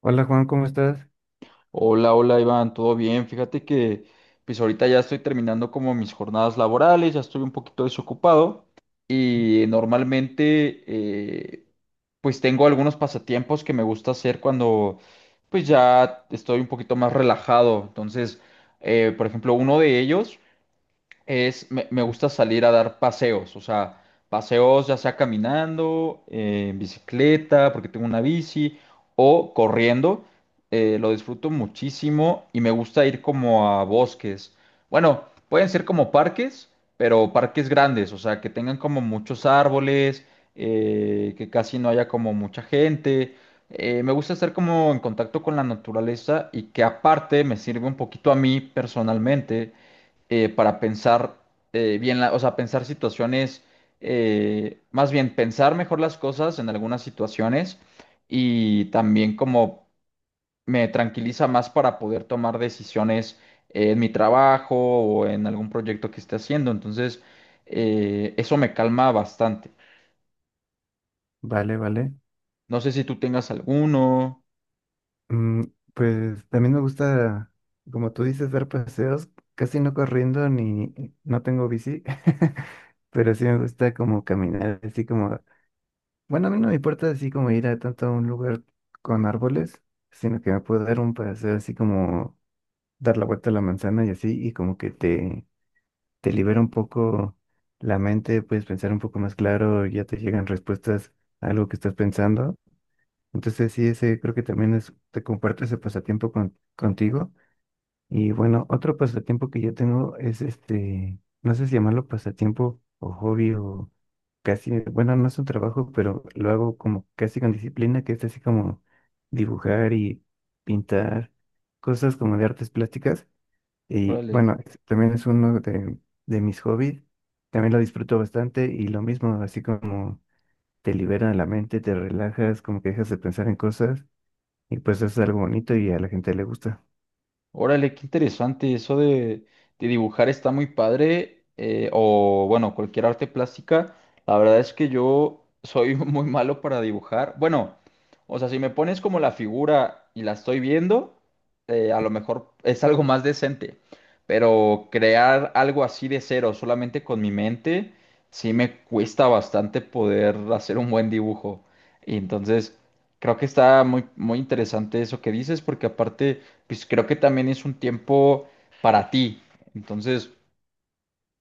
Hola Juan, ¿cómo estás? Hola, hola Iván, ¿todo bien? Fíjate que pues ahorita ya estoy terminando como mis jornadas laborales. Ya estoy un poquito desocupado y normalmente pues tengo algunos pasatiempos que me gusta hacer cuando pues ya estoy un poquito más relajado. Entonces, por ejemplo, uno de ellos es, me gusta salir a dar paseos, o sea, paseos ya sea caminando, en bicicleta, porque tengo una bici, o corriendo, lo disfruto muchísimo y me gusta ir como a bosques. Bueno, pueden ser como parques, pero parques grandes, o sea, que tengan como muchos árboles, que casi no haya como mucha gente. Me gusta estar como en contacto con la naturaleza y que aparte me sirve un poquito a mí personalmente para pensar bien, o sea, pensar situaciones, más bien pensar mejor las cosas en algunas situaciones y también como me tranquiliza más para poder tomar decisiones en mi trabajo o en algún proyecto que esté haciendo. Entonces, eso me calma bastante. Vale, vale. No sé si tú tengas alguno. Mm, pues también me gusta, como tú dices, dar paseos, casi no corriendo ni no tengo bici, pero sí me gusta como caminar, así como, bueno, a mí no me importa así como ir a tanto a un lugar con árboles, sino que me puedo dar un paseo así como dar la vuelta a la manzana y así, y como que te libera un poco la mente, puedes pensar un poco más claro, ya te llegan respuestas a algo que estás pensando. Entonces, sí, ese creo que también es, te comparto ese pasatiempo contigo. Y bueno, otro pasatiempo que yo tengo es este, no sé si llamarlo pasatiempo o hobby o casi, bueno, no es un trabajo, pero lo hago como casi con disciplina, que es así como dibujar y pintar cosas como de artes plásticas. Y Órale. bueno, también es uno de mis hobbies. También lo disfruto bastante y lo mismo, así como te libera la mente, te relajas, como que dejas de pensar en cosas. Y pues es algo bonito y a la gente le gusta. Órale, qué interesante. Eso de dibujar está muy padre. O bueno, cualquier arte plástica. La verdad es que yo soy muy malo para dibujar. Bueno, o sea, si me pones como la figura y la estoy viendo, a lo mejor es algo más decente. Pero crear algo así de cero, solamente con mi mente, sí me cuesta bastante poder hacer un buen dibujo. Y entonces, creo que está muy, muy interesante eso que dices, porque aparte pues creo que también es un tiempo para ti. Entonces,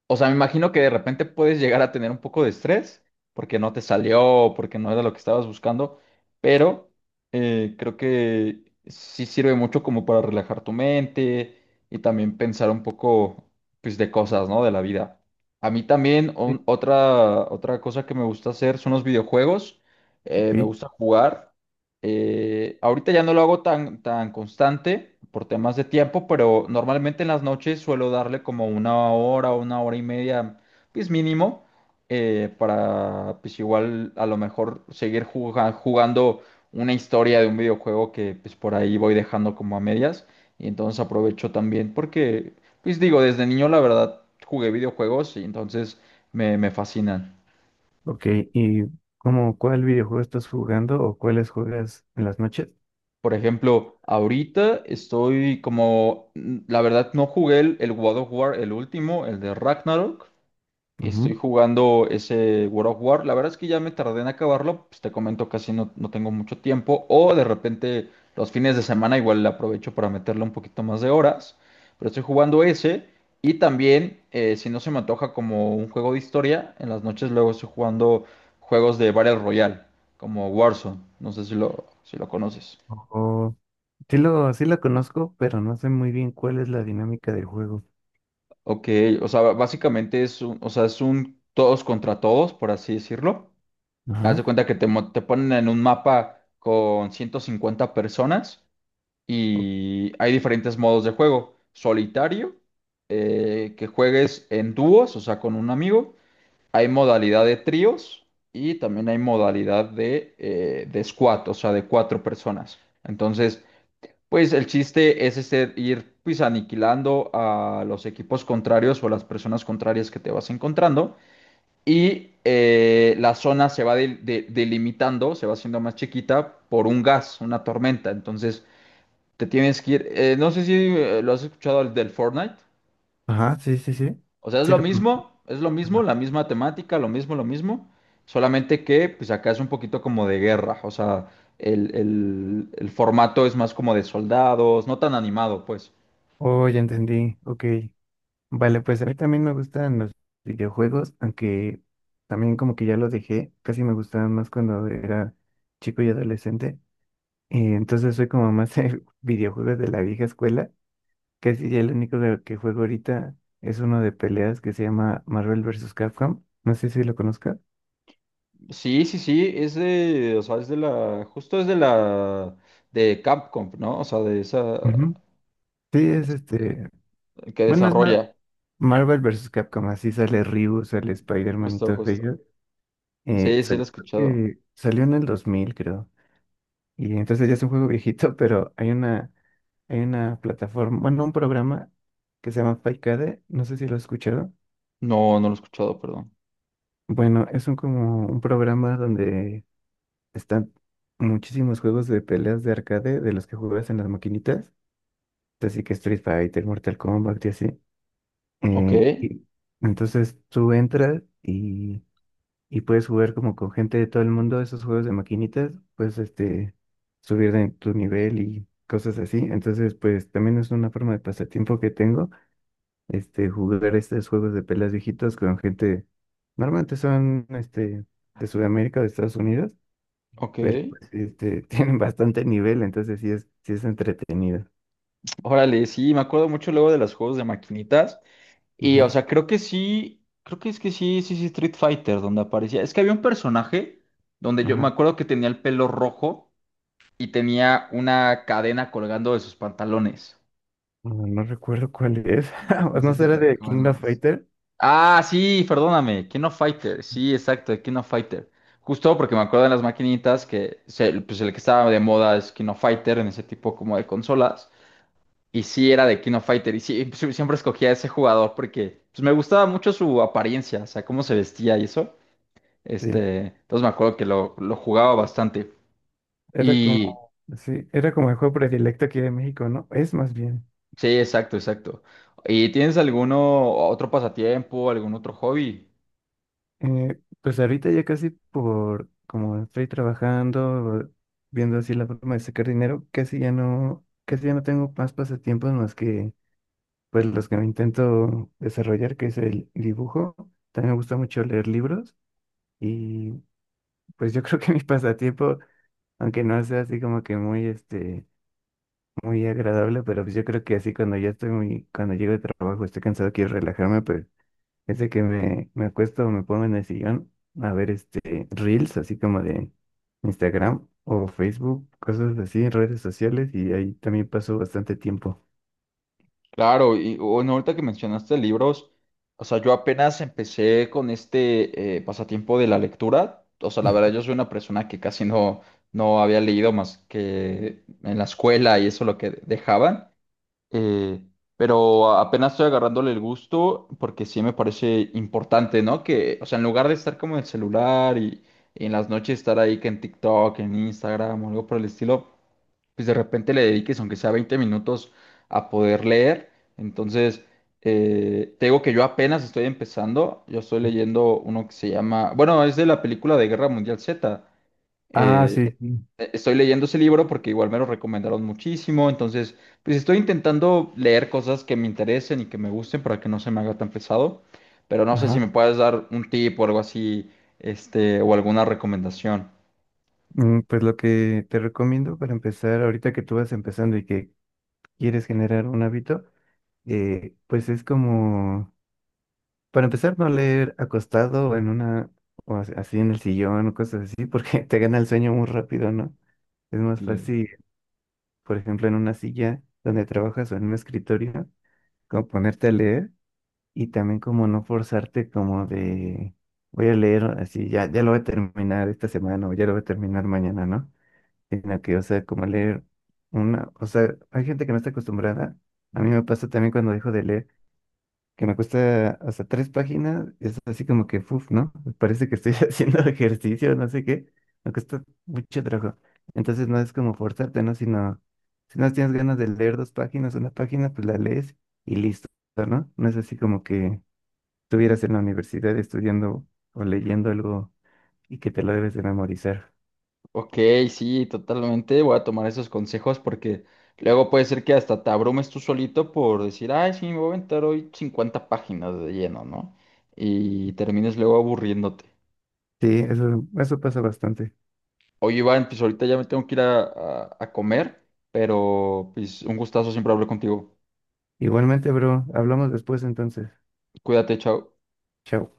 o sea, me imagino que de repente puedes llegar a tener un poco de estrés porque no te salió, o porque no era lo que estabas buscando, pero creo que sí sirve mucho como para relajar tu mente y también pensar un poco, pues, de cosas, ¿no? De la vida. A mí también Sí. Otra, otra cosa que me gusta hacer son los videojuegos. Ok, Me gusta jugar. Ahorita ya no lo hago tan, tan constante por temas de tiempo, pero normalmente en las noches suelo darle como una hora o una hora y media, pues mínimo, para pues igual a lo mejor seguir jugando una historia de un videojuego que pues por ahí voy dejando como a medias. Y entonces aprovecho también porque, pues digo, desde niño la verdad jugué videojuegos y entonces me fascinan. ok. ¿Y cómo cuál videojuego estás jugando o cuáles juegas en las noches? Por ejemplo, ahorita estoy como, la verdad no jugué el God of War, el último, el de Ragnarok. Estoy Ujú. jugando ese God of War. La verdad es que ya me tardé en acabarlo, pues te comento, casi no, no tengo mucho tiempo. O de repente los fines de semana igual le aprovecho para meterle un poquito más de horas. Pero estoy jugando ese. Y también, si no se me antoja como un juego de historia, en las noches luego estoy jugando juegos de Battle Royale, como Warzone. No sé si si lo conoces. O, sí sí lo conozco, pero no sé muy bien cuál es la dinámica del juego. Ok, o sea, básicamente es un, o sea, es un todos contra todos, por así decirlo. Haz de Ajá. cuenta que te ponen en un mapa con 150 personas o- y hay diferentes modos de juego. Solitario, que juegues en dúos, o sea, con un amigo. Hay modalidad de tríos y también hay modalidad de squad, o sea, de 4 personas. Entonces, pues el chiste es este, ir pues aniquilando a los equipos contrarios o a las personas contrarias que te vas encontrando y la zona se va delimitando, se va haciendo más chiquita por un gas, una tormenta. Entonces te tienes que ir, no sé si lo has escuchado el del Fortnite, Ajá, sí, sí, sí. o sea, Sí lo conozco. Es lo mismo, Ajá. la misma temática, lo mismo, solamente que pues acá es un poquito como de guerra, o sea, el formato es más como de soldados, no tan animado pues. Oh, ya entendí. Ok. Vale, pues a mí también me gustan los videojuegos, aunque también como que ya los dejé. Casi me gustaban más cuando era chico y adolescente. Y entonces soy como más de videojuegos de la vieja escuela. Casi ya el único que juego ahorita es uno de peleas que se llama Marvel vs. Capcom. No sé si lo conozcas. Sí, sí, sí, es de, o sea, es de la, justo es de la, de Capcom, ¿no? O sea, de esa, Ujú. Sí, es es- este. que Bueno, desarrolla, Marvel vs. Capcom. Así sale Ryu, sale Spider-Man y justo, todos justo. ellos. Sí, sí, lo he Creo escuchado. que salió en el 2000, creo. Y entonces ya es un juego viejito, pero hay hay una plataforma, bueno, un programa que se llama Paikade. No sé si lo has escuchado. No, no lo he escuchado, perdón. Bueno, es un como un programa donde están muchísimos juegos de peleas de arcade de los que juegas en las maquinitas, así que Street Fighter, Mortal Kombat y así. Ok, Y entonces tú y puedes jugar como con gente de todo el mundo esos juegos de maquinitas, puedes este, subir de tu nivel y cosas así. Entonces, pues también es una forma de pasatiempo que tengo este, jugar estos juegos de peleas viejitos con gente, normalmente son este, de Sudamérica o de Estados Unidos, ok. pero pues, este, tienen bastante nivel, entonces sí sí es entretenido. Órale, sí, me acuerdo mucho luego de los juegos de maquinitas. Y, o Ujú, sea, creo que sí, creo que es que sí, sí, sí, Street Fighter, donde aparecía. Es que había un personaje donde yo me Ajá. acuerdo que tenía el pelo rojo y tenía una cadena colgando de sus pantalones. No, no recuerdo cuál es. No ¿No sé si será te de King of acuerdas. Fighter? Ah, sí, perdóname, King of Fighter, sí, exacto, de King of Fighter. Justo porque me acuerdo de las maquinitas pues el que estaba de moda es King of Fighter en ese tipo como de consolas. Y sí era de King of Fighter y sí, sí, siempre escogía a ese jugador porque pues, me gustaba mucho su apariencia, o sea, cómo se vestía y eso. Sí. Este, entonces me acuerdo que lo jugaba bastante. Era Y como, sí, era como el juego predilecto aquí de México, ¿no? Es más bien. sí, exacto, exacto. ¿Y tienes alguno otro pasatiempo, algún otro hobby? Pues ahorita ya casi por como estoy trabajando, viendo así la forma de sacar dinero, casi ya no tengo más pasatiempos más que pues los que me intento desarrollar, que es el dibujo. También me gusta mucho leer libros y pues yo creo que mi pasatiempo, aunque no sea así como que muy muy agradable, pero pues yo creo que así cuando ya estoy muy, cuando llego de trabajo, estoy cansado, quiero relajarme, pues, es de que me acuesto o me pongo en el sillón a ver este reels, así como de Instagram o Facebook, cosas así, redes sociales, y ahí también paso bastante tiempo. Claro, y bueno, ahorita que mencionaste libros, o sea, yo apenas empecé con este pasatiempo de la lectura. O sea, la verdad, Ujú. yo soy una persona que casi no, no había leído más que en la escuela y eso lo que dejaban. Eh, pero apenas estoy agarrándole el gusto porque sí me parece importante, ¿no? Que, o sea, en lugar de estar como en el celular y en las noches estar ahí que en TikTok, en Instagram o algo por el estilo, pues de repente le dediques, aunque sea 20 minutos, a poder leer. Entonces, te digo que yo apenas estoy empezando. Yo estoy leyendo uno que se llama, bueno, es de la película de Guerra Mundial Z. Ah, eh, sí. Sí, Estoy leyendo ese libro porque igual me lo recomendaron muchísimo, entonces pues estoy intentando leer cosas que me interesen y que me gusten para que no se me haga tan pesado, pero no sé Ajá. si me puedes dar un tip o algo así, este, o alguna recomendación. Mm, pues lo que te recomiendo para empezar, ahorita que tú vas empezando y que quieres generar un hábito, pues es como, para empezar, no leer acostado o en una, o así en el sillón o cosas así, porque te gana el sueño muy rápido, ¿no? Es más Claro. fácil por ejemplo, en una silla donde trabajas o en un escritorio, como ponerte a leer y también como no forzarte como de, voy a leer así, ya, ya lo voy a terminar esta semana o ya lo voy a terminar mañana, ¿no? Sino que, o sea, como leer una, o sea, hay gente que no está acostumbrada. A mí me pasa también cuando dejo de leer que me cuesta hasta 3 páginas, es así como que, uff, ¿no? Parece que estoy haciendo ejercicio, no sé qué, me cuesta mucho trabajo. Entonces no es como forzarte, ¿no? Sino, si no tienes ganas de leer dos páginas, una página, pues la lees y listo, ¿no? No es así como que estuvieras en la universidad estudiando o leyendo algo y que te lo debes de memorizar. Ok, sí, totalmente. Voy a tomar esos consejos porque luego puede ser que hasta te abrumes tú solito por decir, ay, sí, me voy a aventar hoy 50 páginas de lleno, ¿no? Y termines luego aburriéndote. Sí, eso pasa bastante. Oye, Iván, pues ahorita ya me tengo que ir a comer, pero pues un gustazo siempre hablar contigo. Igualmente, bro, hablamos después entonces. Cuídate, chao. Chao.